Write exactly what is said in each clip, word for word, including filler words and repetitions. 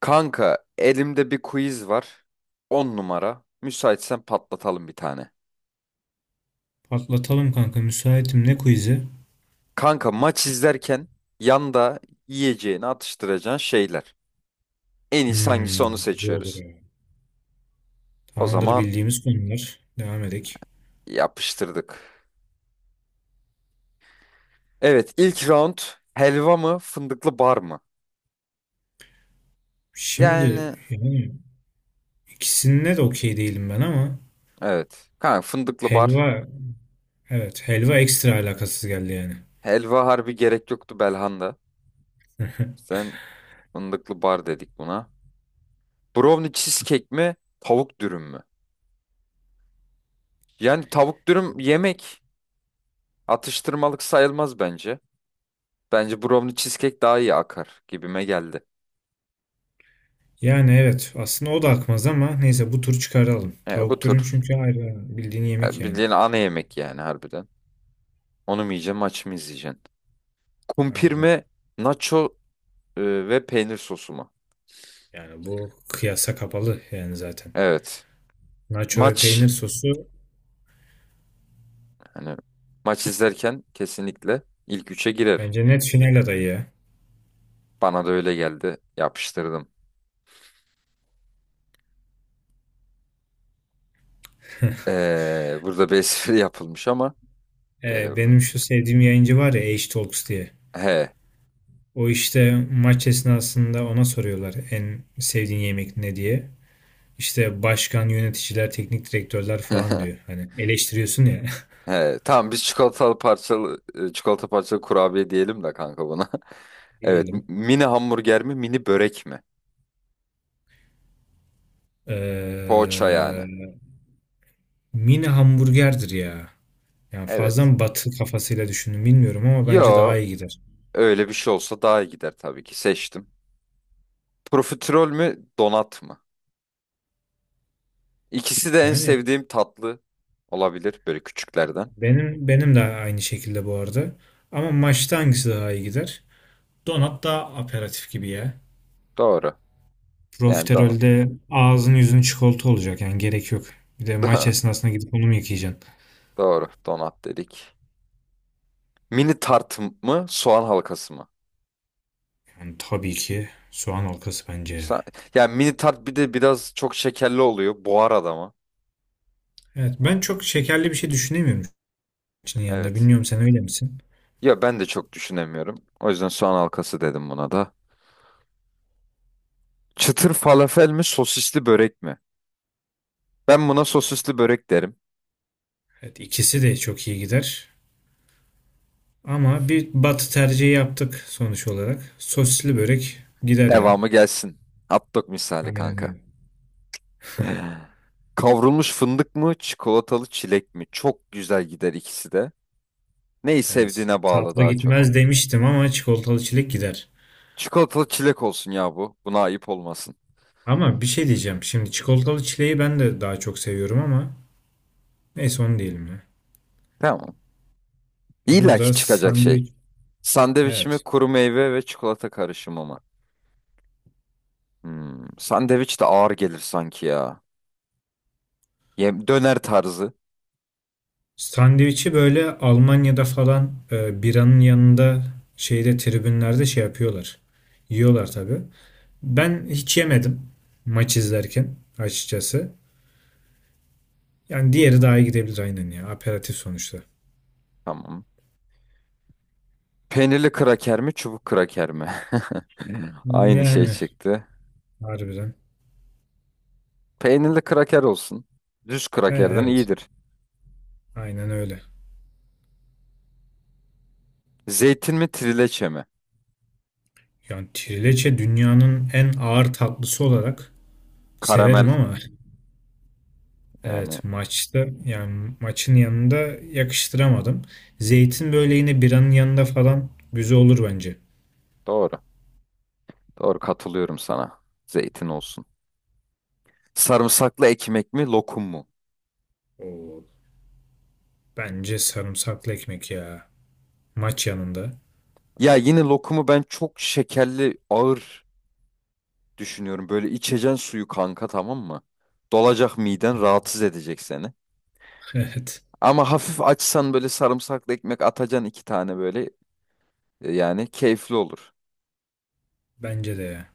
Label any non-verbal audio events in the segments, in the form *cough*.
Kanka elimde bir quiz var. On numara. Müsaitsen patlatalım bir tane. Patlatalım kanka müsaitim ne quiz'i? Kanka maç izlerken yanda yiyeceğini atıştıracağın şeyler. En iyisi hangisi Hmm, onu güzel olur seçiyoruz. ya. O Tamamdır zaman bildiğimiz konular. Devam edek. yapıştırdık. Evet, ilk round, helva mı fındıklı bar mı? Şimdi Yani yani ikisinde de okey değilim ben ama evet. Kanka fındıklı bar. helva evet helva ekstra alakasız geldi yani. Helva harbi gerek yoktu Belhanda. *laughs* Sen fındıklı bar dedik buna. Brownie cheesecake mi tavuk dürüm mü? Yani tavuk dürüm yemek. Atıştırmalık sayılmaz bence. Bence brownie cheesecake daha iyi akar gibime geldi. Yani evet aslında o da akmaz ama neyse bu tur çıkaralım. E, bu Tavuk dürüm tür çünkü ayrı bildiğin yemek e, yani. bildiğin ana yemek yani harbiden. Onu mu yiyeceğim, maç mı izleyeceksin? Kumpir Ayrıca. mi, nacho e, ve peynir sosu mu? Yani bu kıyasa kapalı yani zaten. Evet. Nacho ve Maç, peynir sosu hani, maç izlerken kesinlikle ilk üçe girer. bence net final adayı ya. Bana da öyle geldi. Yapıştırdım. Ee, burada bir *laughs* espri yapılmış ama e, Ee, benim şu sevdiğim yayıncı var ya H-Talks diye. he O işte maç esnasında ona soruyorlar en sevdiğin yemek ne diye. İşte başkan, yöneticiler, teknik direktörler falan diyor. Hani eleştiriyorsun ya *laughs* he tamam, biz çikolatalı parçalı e, çikolata parçalı kurabiye diyelim de kanka buna. *laughs* *laughs* Evet. m- diyelim. Mini hamburger mi? Mini börek mi? Poğaça yani. Ee, mini hamburgerdir ya. Yani fazla Evet. mı batı kafasıyla düşündüm bilmiyorum ama bence daha Yo. iyi gider. Öyle bir şey olsa daha iyi gider tabii ki. Seçtim. Profiterol mü? Donat mı? İkisi de en Yani sevdiğim tatlı olabilir. Böyle küçüklerden. benim benim de aynı şekilde bu arada. Ama maçta hangisi daha iyi gider? Donat daha aperatif gibi ya. Doğru. Yani donat. Profiterolde ağzın yüzün çikolata olacak yani gerek yok. Bir de maç *laughs* esnasında gidip onu mu yıkayacaksın? Doğru. Donat dedik. Mini tart mı? Soğan halkası mı? Yani tabii ki soğan halkası bence. Sa- Yani mini tart bir de biraz çok şekerli oluyor. Boğar adamı. Evet ben çok şekerli bir şey düşünemiyorum için yanında. Evet. Bilmiyorum sen öyle misin? Ya ben de çok düşünemiyorum. O yüzden soğan halkası dedim buna da. Çıtır falafel mi sosisli börek mi? Ben buna sosisli börek derim. Evet ikisi de çok iyi gider. Ama bir batı tercihi yaptık sonuç olarak. Sosisli börek gider ya. Devamı gelsin. Hot dog misali Aynen kanka. öyle. *laughs* Kavrulmuş fındık mı, çikolatalı çilek mi? Çok güzel gider ikisi de. Neyi Evet. sevdiğine bağlı Tatlı daha çok. gitmez demiştim ama çikolatalı çilek gider. Çikolatalı çilek olsun ya bu. Buna ayıp olmasın. Ama bir şey diyeceğim. Şimdi çikolatalı çileği ben de daha çok seviyorum ama neyse onu diyelim ya. Tamam. İlla ki Burada çıkacak şey. sandviç, Sandviç mi, evet. kuru meyve ve çikolata karışımı mı? Hmm, sandviç de ağır gelir sanki ya. Yem döner tarzı. Sandviçi böyle Almanya'da falan e, biranın yanında şeyde tribünlerde şey yapıyorlar. Yiyorlar tabii. Ben hiç yemedim maç izlerken açıkçası. Yani diğeri daha iyi gidebilir aynen ya. Aperatif sonuçta. Tamam. Peynirli kraker mi, çubuk kraker mi? *laughs* Aynı şey Yani çıktı. harbiden. Peynirli kraker olsun. Düz E, krakerden evet. iyidir. Aynen öyle. Zeytin mi, trileçe mi? Yani trileçe dünyanın en ağır tatlısı olarak severim Karamel. ama *laughs* Yani Evet maçta yani maçın yanında yakıştıramadım. Zeytin böyle yine biranın yanında falan güzel olur bence. doğru. Doğru, katılıyorum sana. Zeytin olsun. Sarımsaklı ekmek mi, lokum mu? Oo, bence sarımsaklı ekmek ya. Maç yanında. Ya yine lokumu ben çok şekerli, ağır düşünüyorum. Böyle içeceksin suyu kanka, tamam mı? Dolacak miden, rahatsız edecek seni. *laughs* Evet Ama hafif açsan böyle sarımsaklı ekmek atacaksın iki tane böyle. e, Yani keyifli olur. bence de ya.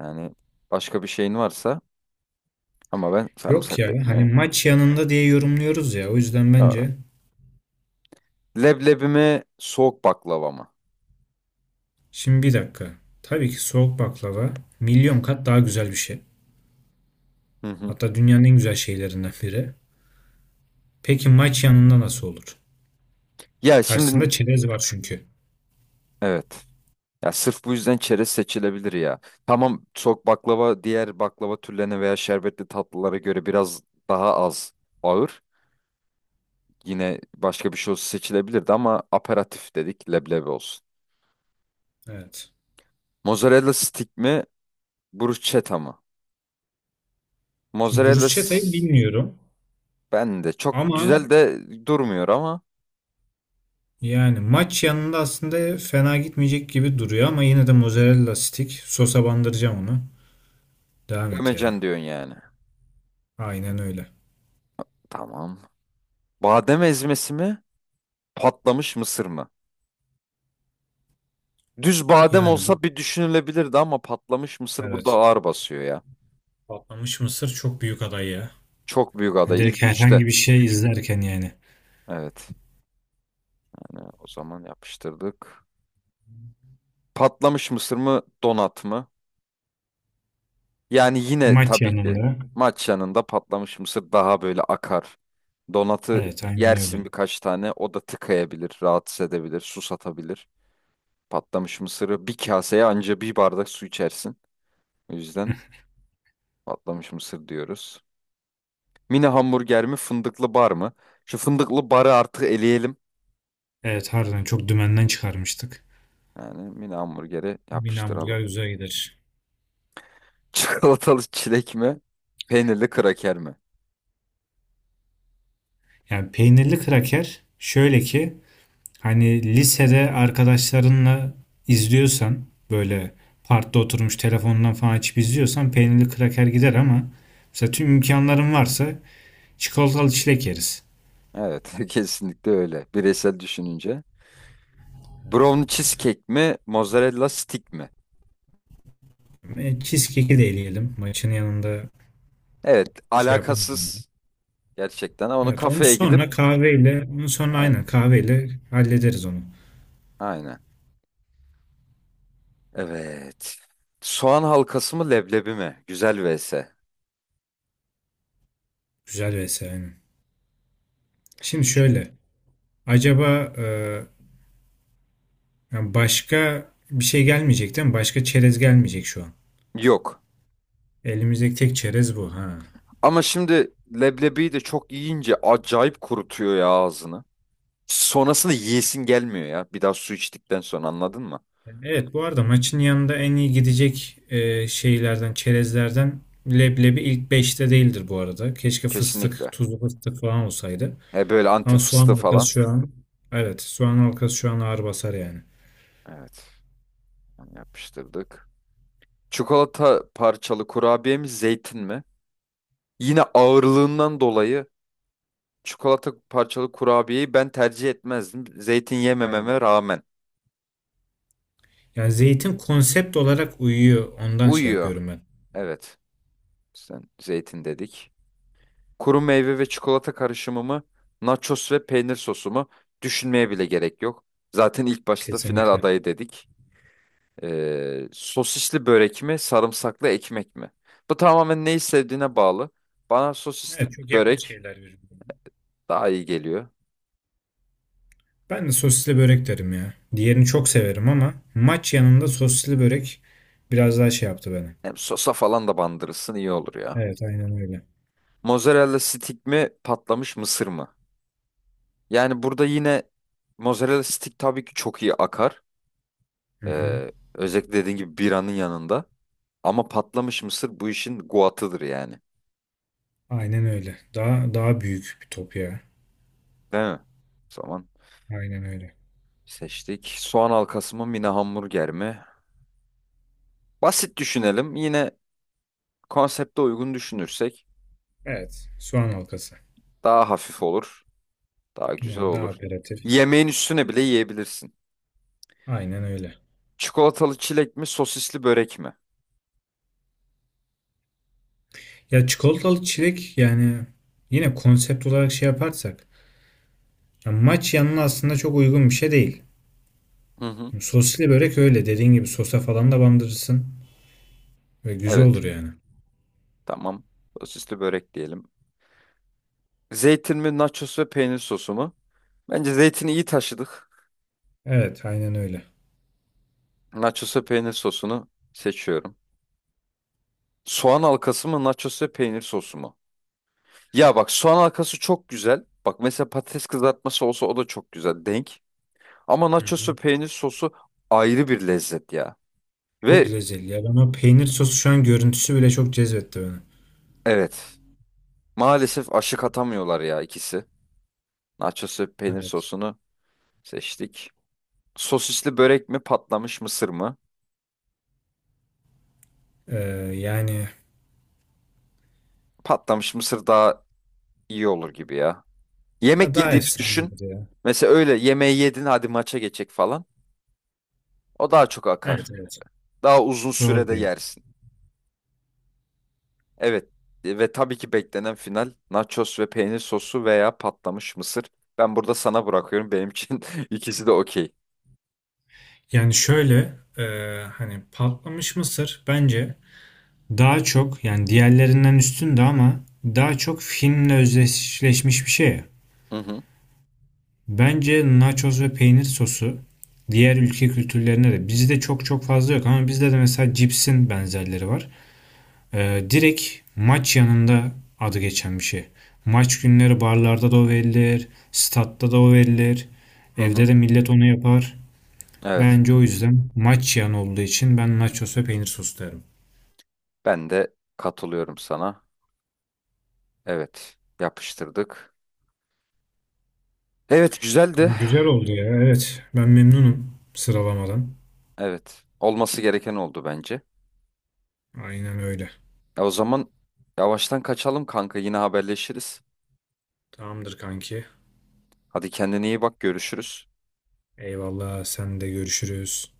Yani başka bir şeyin varsa ama ben Yok ya sarımsaklı hani ekmeği. maç yanında diye yorumluyoruz ya o yüzden Doğru. bence. Leblebi mi soğuk baklava mı? Şimdi bir dakika. Tabii ki soğuk baklava milyon kat daha güzel bir şey. Hı hı. Hatta dünyanın en güzel şeylerinden biri. Peki maç yanında nasıl olur? Ya şimdi Karşısında çerez var çünkü. evet. Ya sırf bu yüzden çerez seçilebilir ya. Tamam, soğuk baklava diğer baklava türlerine veya şerbetli tatlılara göre biraz daha az ağır. Yine başka bir şey olsa seçilebilirdi ama aperatif dedik, leblebi olsun. Evet. Mozzarella stick mi bruschetta mı? Şimdi Mozzarella bruscheta'yı s- bilmiyorum. Ben de çok Ama güzel de durmuyor ama yani maç yanında aslında fena gitmeyecek gibi duruyor ama yine de mozzarella stick sosa bandıracağım onu. Devam et ya. gömecen diyorsun yani. Aynen öyle. Tamam. Badem ezmesi mi? Patlamış mısır mı? Düz badem Yani bu olsa bir düşünülebilirdi ama patlamış mısır burada evet. ağır basıyor ya. Patlamış mısır çok büyük aday ya. Çok büyük Yani aday. direkt İlk üçte. herhangi bir şey izlerken yani. Evet. Hani o zaman yapıştırdık. Patlamış mısır mı? Donat mı? Yani yine Maç tabii ki yanında. maç yanında patlamış mısır daha böyle akar. Donatı Evet aynen yersin öyle. birkaç tane. O da tıkayabilir, rahatsız edebilir, susatabilir. Patlamış mısırı bir kaseye, anca bir bardak su içersin. O yüzden patlamış mısır diyoruz. Mini hamburger mi fındıklı bar mı? Şu fındıklı barı artık eleyelim. Evet harbiden çok dümenden çıkarmıştık. Yani mini hamburgeri Bir yapıştıralım. hamburger güzel gider. *laughs* Çikolatalı çilek mi? Peynirli kraker mi? Yani peynirli kraker şöyle ki hani lisede arkadaşlarınla izliyorsan böyle parkta oturmuş telefondan falan açıp izliyorsan peynirli kraker gider ama mesela tüm imkanların varsa çikolatalı çilek yeriz. Evet, *laughs* kesinlikle öyle. Bireysel düşününce. Brownie cheesecake mi? Mozzarella stick mi? E, cheesecake'i de eleyelim. Maçın yanında Evet, şey yapamadım ya. alakasız gerçekten ama onu Evet onu kafeye sonra gidip kahveyle onu sonra aynen aynen, kahveyle hallederiz onu. aynen. Evet. Soğan halkası mı leblebi mi? Güzel vesaire. Güzel vesaire. Aynen. Şimdi şöyle acaba e, yani başka bir şey gelmeyecek değil mi? Başka çerez gelmeyecek şu an. Yok. Elimizdeki tek çerez bu ha. Ama şimdi leblebiyi de çok yiyince acayip kurutuyor ya ağzını. Sonrasında yiyesin gelmiyor ya. Bir daha su içtikten sonra, anladın mı? Evet bu arada maçın yanında en iyi gidecek e, şeylerden, çerezlerden leblebi ilk beşte değildir bu arada. Keşke fıstık, Kesinlikle. tuzlu fıstık falan olsaydı. E böyle anti Ama soğan fıstığı halkası falan. şu an evet soğan halkası şu an ağır basar yani. Evet. Onu yapıştırdık. Çikolata parçalı kurabiye mi zeytin mi? Yine ağırlığından dolayı çikolata parçalı kurabiyeyi ben tercih etmezdim. Zeytin Ben yemememe de. rağmen. Yani zeytin konsept olarak uyuyor. Ondan şey Uyuyor. yapıyorum ben. Evet. Sen zeytin dedik. Kuru meyve ve çikolata karışımımı, nachos ve peynir sosumu düşünmeye bile gerek yok. Zaten ilk başta final Kesinlikle. adayı dedik. Ee, sosisli börek mi, sarımsaklı ekmek mi? Bu tamamen neyi sevdiğine bağlı. Bana sosisli Evet çok yakın börek şeyler birbirine. daha iyi geliyor. Ben de sosisli börek derim ya. Diğerini çok severim ama maç yanında sosisli börek biraz daha şey yaptı beni. Hem sosa falan da bandırırsın, iyi olur ya. Evet aynen öyle. Mozzarella stick mi, patlamış mısır mı? Yani burada yine mozzarella stick tabii ki çok iyi akar. Hı hı. Ee, özellikle dediğin gibi biranın yanında. Ama patlamış mısır bu işin guatıdır yani. Aynen öyle. Daha daha büyük bir top ya. Değil mi? O zaman Aynen öyle. seçtik. Soğan halkası mı mini hamburger mi? Basit düşünelim. Yine konsepte uygun düşünürsek Evet. Soğan halkası. daha hafif olur. Daha güzel Yani daha olur. operatif. Yemeğin üstüne bile yiyebilirsin. Aynen öyle. Çikolatalı çilek mi sosisli börek mi? Ya çikolatalı çilek yani yine konsept olarak şey yaparsak ya maç yanına aslında çok uygun bir şey değil. Hı hı. Şimdi soslu börek öyle dediğin gibi sosa falan da bandırırsın ve güzel Evet. olur yani. Tamam. Sosisli börek diyelim. Zeytin mi nachos ve peynir sosu mu? Bence zeytini iyi taşıdık. Evet, aynen öyle. Nachos ve peynir sosunu seçiyorum. Soğan halkası mı nachos ve peynir sosu mu? Ya bak, soğan halkası çok güzel. Bak mesela patates kızartması olsa o da çok güzel denk. Ama Hı nachosu hı. peynir sosu ayrı bir lezzet ya. Çok Ve lezzetli ya. Ben o peynir sosu şu an görüntüsü bile çok cezbetti beni. evet, maalesef aşık atamıyorlar ya ikisi. Nachosu peynir Evet. sosunu seçtik. Sosisli börek mi patlamış mısır mı? Ee, yani Patlamış mısır daha iyi olur gibi ya. ya Yemek daha yediğini düşün. efsanedir ya. Mesela öyle yemeği yedin, hadi maça geçecek falan. O daha çok Evet akar. evet. Daha uzun Doğru sürede diyorsun. yersin. Evet, e, ve tabii ki beklenen final, nachos ve peynir sosu veya patlamış mısır. Ben burada sana bırakıyorum. Benim için *laughs* ikisi de okey. Yani şöyle e, hani patlamış mısır bence daha çok yani diğerlerinden üstündü ama daha çok finle özdeşleşmiş bir şey. Hı hı, Bence nachos ve peynir sosu diğer ülke kültürlerine de bizde çok çok fazla yok ama bizde de mesela cipsin benzerleri var. E, direkt maç yanında adı geçen bir şey. Maç günleri barlarda da o verilir, statta da o verilir. hı Evde de hı. millet onu yapar. Evet, Bence o yüzden maç yan olduğu için ben nachos ve peynir sosu derim. ben de katılıyorum sana. Evet, yapıştırdık. Evet, güzeldi. Kanka güzel oldu ya. Evet. Ben memnunum sıralamadan. Evet, olması gereken oldu bence. Aynen öyle. E, o zaman yavaştan kaçalım kanka, yine haberleşiriz. Tamamdır kanki. Hadi kendine iyi bak, görüşürüz. Eyvallah. Sen de görüşürüz.